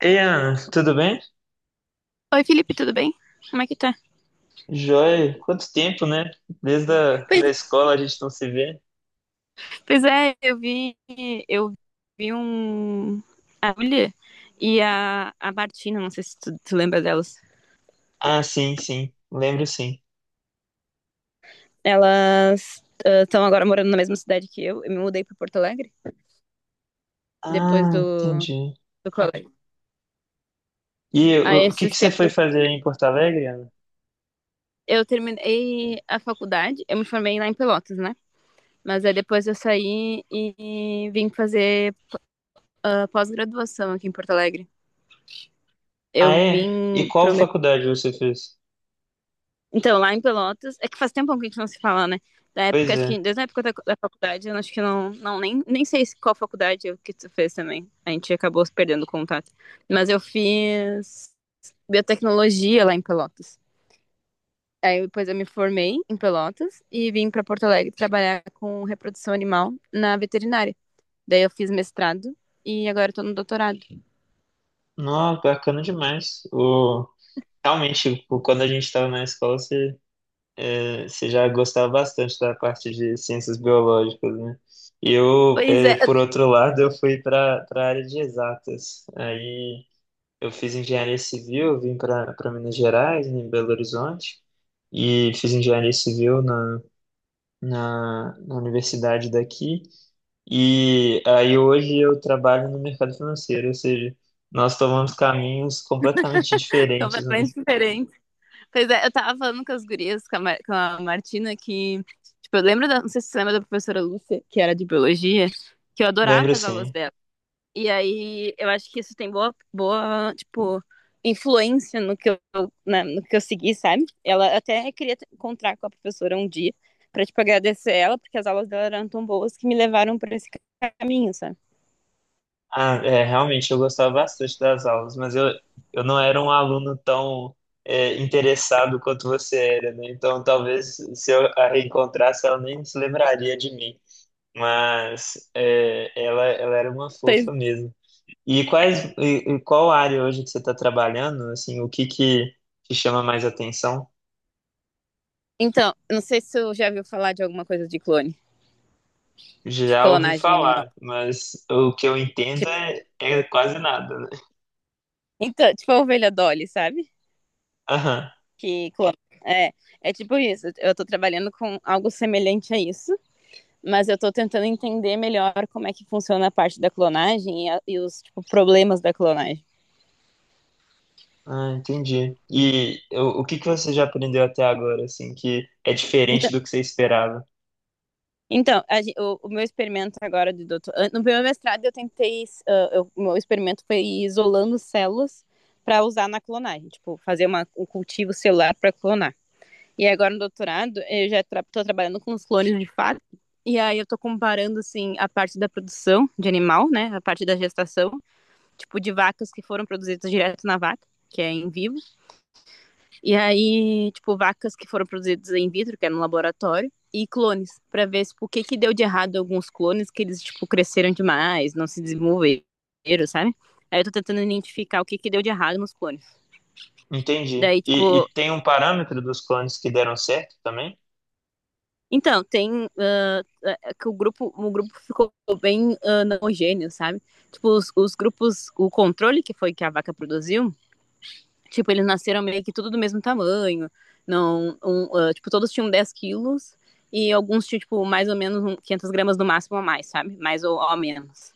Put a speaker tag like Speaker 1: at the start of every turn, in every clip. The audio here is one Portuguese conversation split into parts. Speaker 1: Ei, Ana, tudo bem?
Speaker 2: Oi, Felipe, tudo bem? Como é que tá?
Speaker 1: Joia, quanto tempo, né? Desde a
Speaker 2: Pois
Speaker 1: da escola a gente não se vê.
Speaker 2: Pois é, eu vi, eu vi um a Julia e a Martina, não sei se tu lembra delas.
Speaker 1: Ah, sim, sim, lembro sim.
Speaker 2: Elas estão agora morando na mesma cidade que eu. Eu me mudei para Porto Alegre depois
Speaker 1: Ah, entendi.
Speaker 2: do colégio.
Speaker 1: E
Speaker 2: Aí
Speaker 1: o que que
Speaker 2: esses
Speaker 1: você foi
Speaker 2: tempos
Speaker 1: fazer aí em Porto Alegre, Ana?
Speaker 2: eu terminei a faculdade, eu me formei lá em Pelotas, né? Mas aí depois eu saí e vim fazer pós-graduação aqui em Porto Alegre.
Speaker 1: Ah,
Speaker 2: Eu
Speaker 1: é? E
Speaker 2: vim
Speaker 1: qual
Speaker 2: pro
Speaker 1: faculdade você fez?
Speaker 2: Então, lá em Pelotas, é que faz tempo que a gente não se fala, né? Da
Speaker 1: Pois
Speaker 2: época, acho que
Speaker 1: é.
Speaker 2: desde a época da faculdade, eu acho que não nem sei qual que tu fez também. A gente acabou se perdendo o contato. Mas eu fiz biotecnologia lá em Pelotas. Aí depois eu me formei em Pelotas e vim para Porto Alegre trabalhar com reprodução animal na veterinária. Daí eu fiz mestrado e agora eu tô no doutorado.
Speaker 1: Nossa, bacana demais. O, realmente, quando a gente estava na escola, você, você já gostava bastante da parte de ciências biológicas, né? Eu,
Speaker 2: Pois é,
Speaker 1: por outro lado, eu fui para a área de exatas. Aí. Eu fiz engenharia civil, vim para Minas Gerais, né, em Belo Horizonte, e fiz engenharia civil na universidade daqui. E aí hoje eu trabalho no mercado financeiro, ou seja, nós tomamos caminhos completamente diferentes, né?
Speaker 2: completamente diferente. Pois é, eu tava falando com as gurias, com a Martina, que, tipo, eu lembro da, não sei se você lembra da professora Lúcia, que era de biologia, que eu
Speaker 1: Lembro
Speaker 2: adorava as aulas
Speaker 1: sim.
Speaker 2: dela. E aí, eu acho que isso tem boa, tipo, influência no que no que eu segui, sabe? Ela até queria encontrar com a professora um dia, pra, tipo, agradecer ela, porque as aulas dela eram tão boas que me levaram pra esse caminho, sabe?
Speaker 1: Ah, é, realmente eu gostava bastante das aulas, mas eu não era um aluno tão interessado quanto você era, né? Então talvez se eu a reencontrasse, ela nem se lembraria de mim. Mas é, ela era uma fofa
Speaker 2: Pois-
Speaker 1: mesmo. E qual área hoje que você está trabalhando? Assim, o que que te chama mais atenção?
Speaker 2: Então, eu não sei se você já viu falar de alguma coisa de clone, tipo,
Speaker 1: Já ouvi
Speaker 2: clonagem animal.
Speaker 1: falar, mas o que eu entendo
Speaker 2: Tipo,
Speaker 1: é, é quase nada, né?
Speaker 2: tipo a ovelha Dolly, sabe?
Speaker 1: Aham.
Speaker 2: Que clona. É, é tipo isso. Eu tô trabalhando com algo semelhante a isso, mas eu tô tentando entender melhor como é que funciona a parte da clonagem e os tipo, problemas da clonagem.
Speaker 1: Ah, entendi. E o que que você já aprendeu até agora, assim, que é diferente
Speaker 2: Então,
Speaker 1: do que você esperava?
Speaker 2: o meu experimento agora de doutor, no meu mestrado eu tentei, o meu experimento foi ir isolando células para usar na clonagem, tipo fazer um cultivo celular para clonar. E agora no doutorado, eu já tra tô trabalhando com os clones de fato. E aí eu tô comparando, assim, a parte da produção de animal, né? A parte da gestação, tipo, de vacas que foram produzidas direto na vaca, que é em vivo. E aí, tipo, vacas que foram produzidas em vitro, que é no laboratório. E clones, para ver, tipo, o que que deu de errado alguns clones, que eles, tipo, cresceram demais, não se desenvolveram, sabe? Aí eu tô tentando identificar o que que deu de errado nos clones.
Speaker 1: Entendi.
Speaker 2: Daí,
Speaker 1: E,
Speaker 2: tipo,
Speaker 1: e tem um parâmetro dos clones que deram certo também?
Speaker 2: então, tem. É é que o grupo ficou bem não homogêneo, sabe? Tipo, os grupos, o controle que foi que a vaca produziu, tipo, eles nasceram meio que tudo do mesmo tamanho. Não, um, tipo, todos tinham 10 quilos e alguns tinham, tipo, mais ou menos gramas no máximo a mais, sabe? Mais ou menos.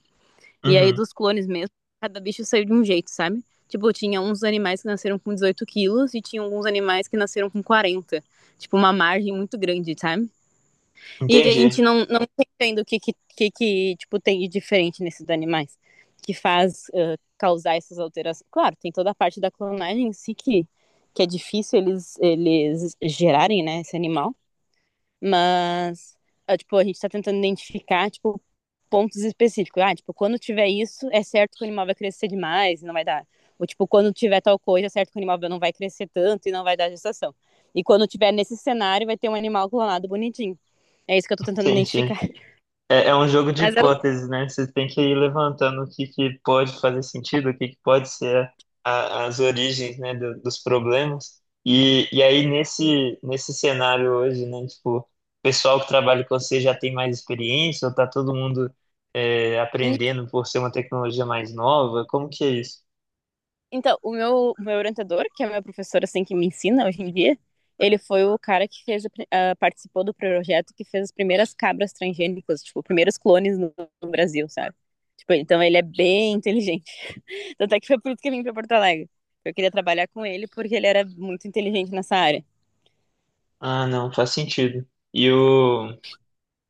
Speaker 2: E aí,
Speaker 1: Uhum.
Speaker 2: dos clones mesmo, cada bicho saiu de um jeito, sabe? Tipo, tinha uns animais que nasceram com 18 quilos e tinha alguns animais que nasceram com 40. Tipo, uma margem muito grande, sabe? E a gente
Speaker 1: Entendi.
Speaker 2: não tá o que, tipo, tem de diferente nesses animais que faz causar essas alterações. Claro, tem toda a parte da clonagem em si que é difícil eles gerarem, né, esse animal, mas, tipo, a gente está tentando identificar, tipo, pontos específicos. Ah, tipo, quando tiver isso, é certo que o animal vai crescer demais e não vai dar. Ou, tipo, quando tiver tal coisa, é certo que o animal não vai crescer tanto e não vai dar gestação. E quando tiver nesse cenário, vai ter um animal clonado bonitinho. É isso que eu tô tentando
Speaker 1: Entendi.
Speaker 2: identificar.
Speaker 1: É, é um jogo de
Speaker 2: Mas eu.
Speaker 1: hipóteses, né? Você tem que ir levantando que pode fazer sentido, que pode ser as origens, né, dos problemas. E aí, nesse cenário hoje, né, tipo, o pessoal que trabalha com você já tem mais experiência ou tá todo mundo aprendendo por ser uma tecnologia mais nova? Como que é isso?
Speaker 2: Então, o meu orientador, que é meu professor, assim, que me ensina hoje em dia, ele foi o cara que participou do projeto que fez as primeiras cabras transgênicas, tipo, primeiros clones no Brasil, sabe? Tipo, então ele é bem inteligente. Tanto é que foi por isso que eu vim pra Porto Alegre. Eu queria trabalhar com ele porque ele era muito inteligente nessa área.
Speaker 1: Ah, não, faz sentido. E o.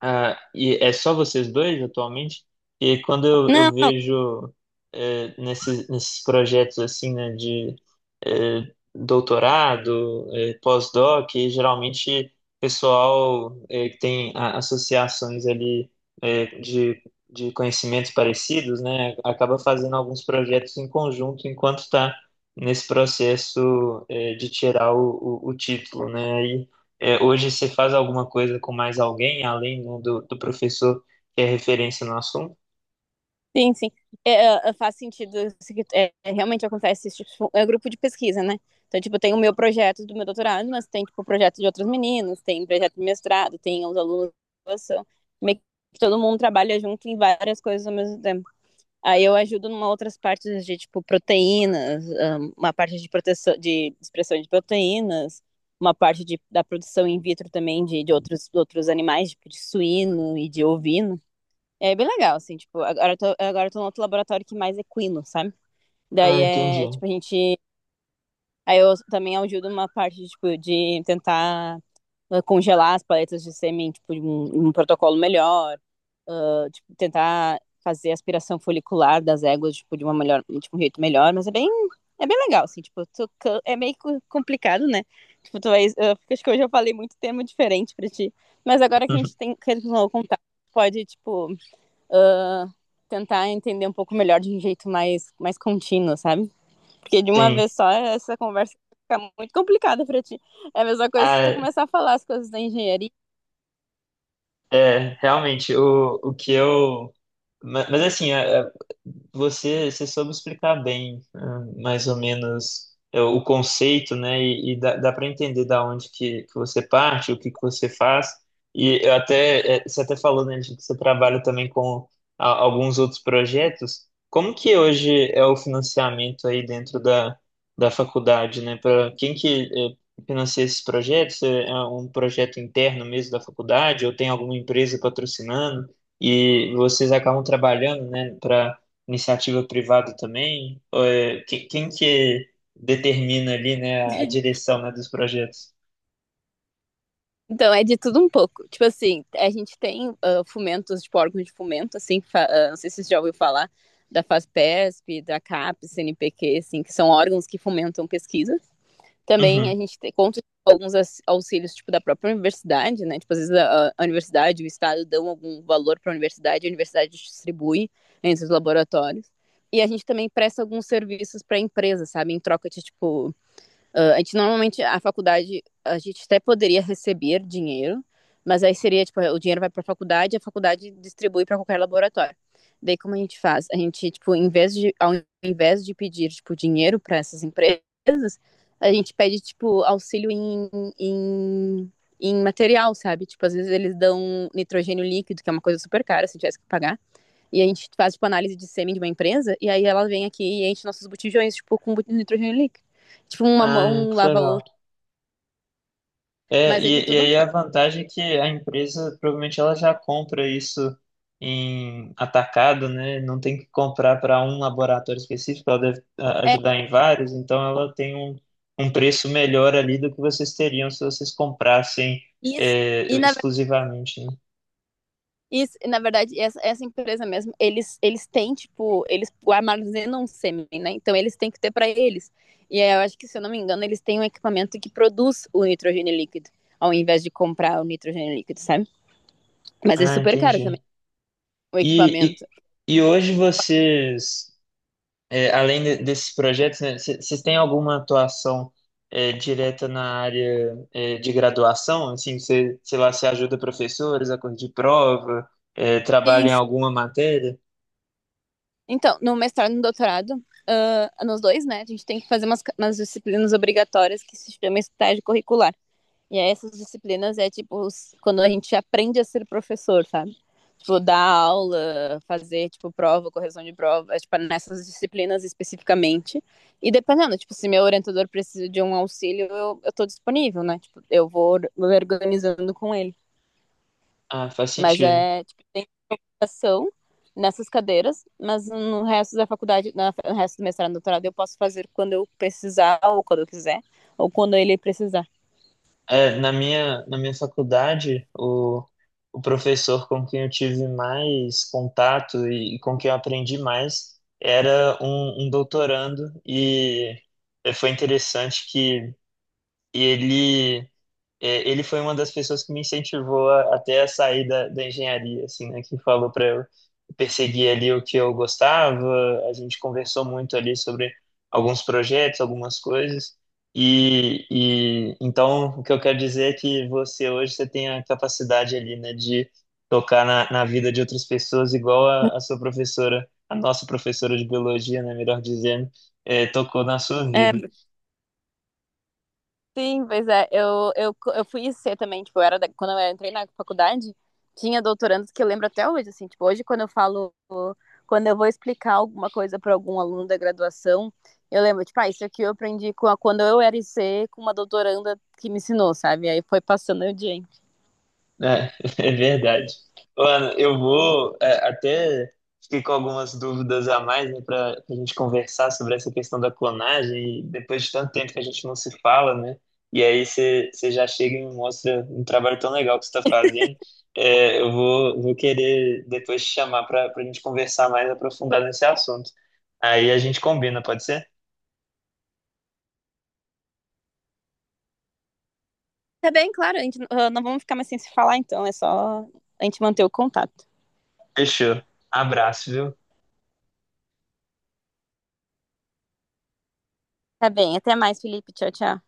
Speaker 1: Ah, e é só vocês dois atualmente? E quando eu
Speaker 2: Não,
Speaker 1: vejo nesses, nesses projetos assim, né, de doutorado, pós-doc, e geralmente pessoal que tem associações ali eh, de, de conhecimentos parecidos, né, acaba fazendo alguns projetos em conjunto enquanto está nesse processo de tirar o título, né? É, hoje você faz alguma coisa com mais alguém, além do do professor que é referência no assunto?
Speaker 2: sim, sim. Faz sentido. É, é, realmente acontece isso. Tipo, é grupo de pesquisa, né? Então, tipo, tem o meu projeto do meu doutorado, mas tem, tipo, projeto de outros meninos, tem projeto de mestrado, tem os alunos de graduação. Meio que todo mundo trabalha junto em várias coisas ao mesmo tempo. Aí eu ajudo em outras partes de, tipo, proteínas, uma parte de proteção, de expressão de proteínas, uma parte da produção in vitro também de outros animais, tipo, de suíno e de ovino. É bem legal, assim, tipo, agora eu tô no outro laboratório que mais é equino, sabe?
Speaker 1: Ah,
Speaker 2: Daí
Speaker 1: entendi.
Speaker 2: é, tipo, a gente. Aí eu também ajudo uma parte, de, tipo, de tentar congelar as paletas de sêmen, tipo, de um protocolo melhor, tipo, tentar fazer a aspiração folicular das éguas, tipo, de uma melhor, de um jeito melhor, mas é bem legal, assim, tipo, é meio complicado, né? Tipo, tu vai, eu acho que hoje eu falei muito tema diferente pra ti, mas agora que a gente tem, que a gente tem contato, pode, tipo, uh, tentar entender um pouco melhor de um jeito mais, mais contínuo, sabe? Porque de uma
Speaker 1: Sim.
Speaker 2: vez só essa conversa fica muito complicada para ti. É a mesma coisa se tu
Speaker 1: Ah,
Speaker 2: começar a falar as coisas da engenharia.
Speaker 1: é, realmente, o que eu. Mas, assim, você, você soube explicar bem, ah, mais ou menos, é, o conceito, né? E dá para entender da onde que você parte, o que que você faz. E eu até, é, você até falou, né, de que você trabalha também com alguns outros projetos. Como que hoje é o financiamento aí dentro da, da faculdade, né? Para quem que é, financia esses projetos? É é um projeto interno mesmo da faculdade ou tem alguma empresa patrocinando? E vocês acabam trabalhando, né, para iniciativa privada também? Ou quem que determina ali, né, a direção, né, dos projetos?
Speaker 2: Então, é de tudo um pouco. Tipo assim, a gente tem fomentos, tipo órgãos de fomento, assim, não sei se você já ouviu falar, da FASPESP, da CAPES, CNPq, assim, que são órgãos que fomentam pesquisa. Também a
Speaker 1: Uhum.
Speaker 2: gente conta com alguns auxílios, tipo, da própria universidade, né? Tipo, às vezes a universidade, o estado dão algum valor para a universidade distribui entre os laboratórios. E a gente também presta alguns serviços para empresas, sabe? Em troca de, tipo, ah, a gente normalmente, a faculdade, a gente até poderia receber dinheiro, mas aí seria, tipo, o dinheiro vai para a faculdade e a faculdade distribui para qualquer laboratório. Daí, como a gente faz? A gente, tipo, em vez de, ao invés de pedir, tipo, dinheiro para essas empresas, a gente pede, tipo, auxílio em, em material, sabe? Tipo, às vezes eles dão nitrogênio líquido, que é uma coisa super cara, se tivesse que pagar. E a gente faz, tipo, análise de sêmen de uma empresa, e aí ela vem aqui e enche nossos botijões, tipo, com nitrogênio líquido. Tipo, uma
Speaker 1: Ah,
Speaker 2: mão
Speaker 1: que
Speaker 2: lava a
Speaker 1: legal.
Speaker 2: outra.
Speaker 1: É,
Speaker 2: Mas é de
Speaker 1: e
Speaker 2: tudo um...
Speaker 1: aí a vantagem é que a empresa provavelmente ela já compra isso em atacado, né? Não tem que comprar para um laboratório específico, ela deve ah,
Speaker 2: É
Speaker 1: ajudar em vários, então ela tem um, um preço melhor ali do que vocês teriam se vocês comprassem
Speaker 2: isso.
Speaker 1: é,
Speaker 2: E na, verdade...
Speaker 1: exclusivamente, né?
Speaker 2: isso, e na verdade, essa empresa mesmo, eles têm, tipo, eles armazenam sêmen, né? Então eles têm que ter para eles. E aí, eu acho que, se eu não me engano, eles têm um equipamento que produz o nitrogênio líquido, ao invés de comprar o nitrogênio líquido, sabe? Mas é
Speaker 1: Ah,
Speaker 2: super caro também
Speaker 1: entendi.
Speaker 2: o
Speaker 1: E,
Speaker 2: equipamento.
Speaker 1: e hoje vocês, é, além desses projetos, né, vocês têm alguma atuação é, direta na área é, de graduação? Assim, você, sei lá, você ajuda professores a corrigir prova, é, trabalha
Speaker 2: Sim,
Speaker 1: em alguma matéria?
Speaker 2: então, no mestrado e no doutorado, ah, nos dois, né, a gente tem que fazer umas disciplinas obrigatórias que se chama estágio curricular. E aí essas disciplinas é tipo quando a gente aprende a ser professor, sabe? Tipo, dar aula, fazer, tipo, prova, correção de prova, é, tipo, nessas disciplinas especificamente. E dependendo, tipo, se meu orientador precisa de um auxílio, eu tô disponível, né? Tipo, eu vou me organizando com ele.
Speaker 1: Ah, faz
Speaker 2: Mas
Speaker 1: sentido.
Speaker 2: é, graduação nessas cadeiras, mas no resto da faculdade, no resto do mestrado e doutorado, eu posso fazer quando eu precisar, ou quando eu quiser, ou quando ele precisar.
Speaker 1: É, na na minha faculdade, o professor com quem eu tive mais contato e com quem eu aprendi mais era um doutorando, e foi interessante que ele ele foi uma das pessoas que me incentivou a, até a sair da, da engenharia, assim, né? Que falou para eu perseguir ali o que eu gostava. A gente conversou muito ali sobre alguns projetos, algumas coisas. E então o que eu quero dizer é que você hoje você tem a capacidade ali, né, de tocar na, na vida de outras pessoas, igual a sua professora, a nossa professora de biologia, né, melhor dizendo, é, tocou na sua
Speaker 2: É,
Speaker 1: vida.
Speaker 2: sim, pois é, eu fui IC também, tipo, eu era quando eu entrei na faculdade, tinha doutorandos que eu lembro até hoje, assim, tipo, hoje quando eu falo, quando eu vou explicar alguma coisa para algum aluno da graduação, eu lembro, tipo, ah, isso aqui eu aprendi quando eu era IC com uma doutoranda que me ensinou, sabe? Aí foi passando o dia.
Speaker 1: É, é verdade. Ô, eu vou é, até fiquei com algumas dúvidas a mais, né, para a gente conversar sobre essa questão da clonagem, e depois de tanto tempo que a gente não se fala, né? E aí você já chega e me mostra um trabalho tão legal que você está fazendo. É, eu vou querer depois te chamar para a gente conversar mais aprofundado nesse assunto. Aí a gente combina, pode ser?
Speaker 2: Tá bem, claro. A gente, ah, não vamos ficar mais sem se falar, então. É só a gente manter o contato.
Speaker 1: Fechou. Abraço, viu?
Speaker 2: Tá bem. Até mais, Felipe. Tchau, tchau.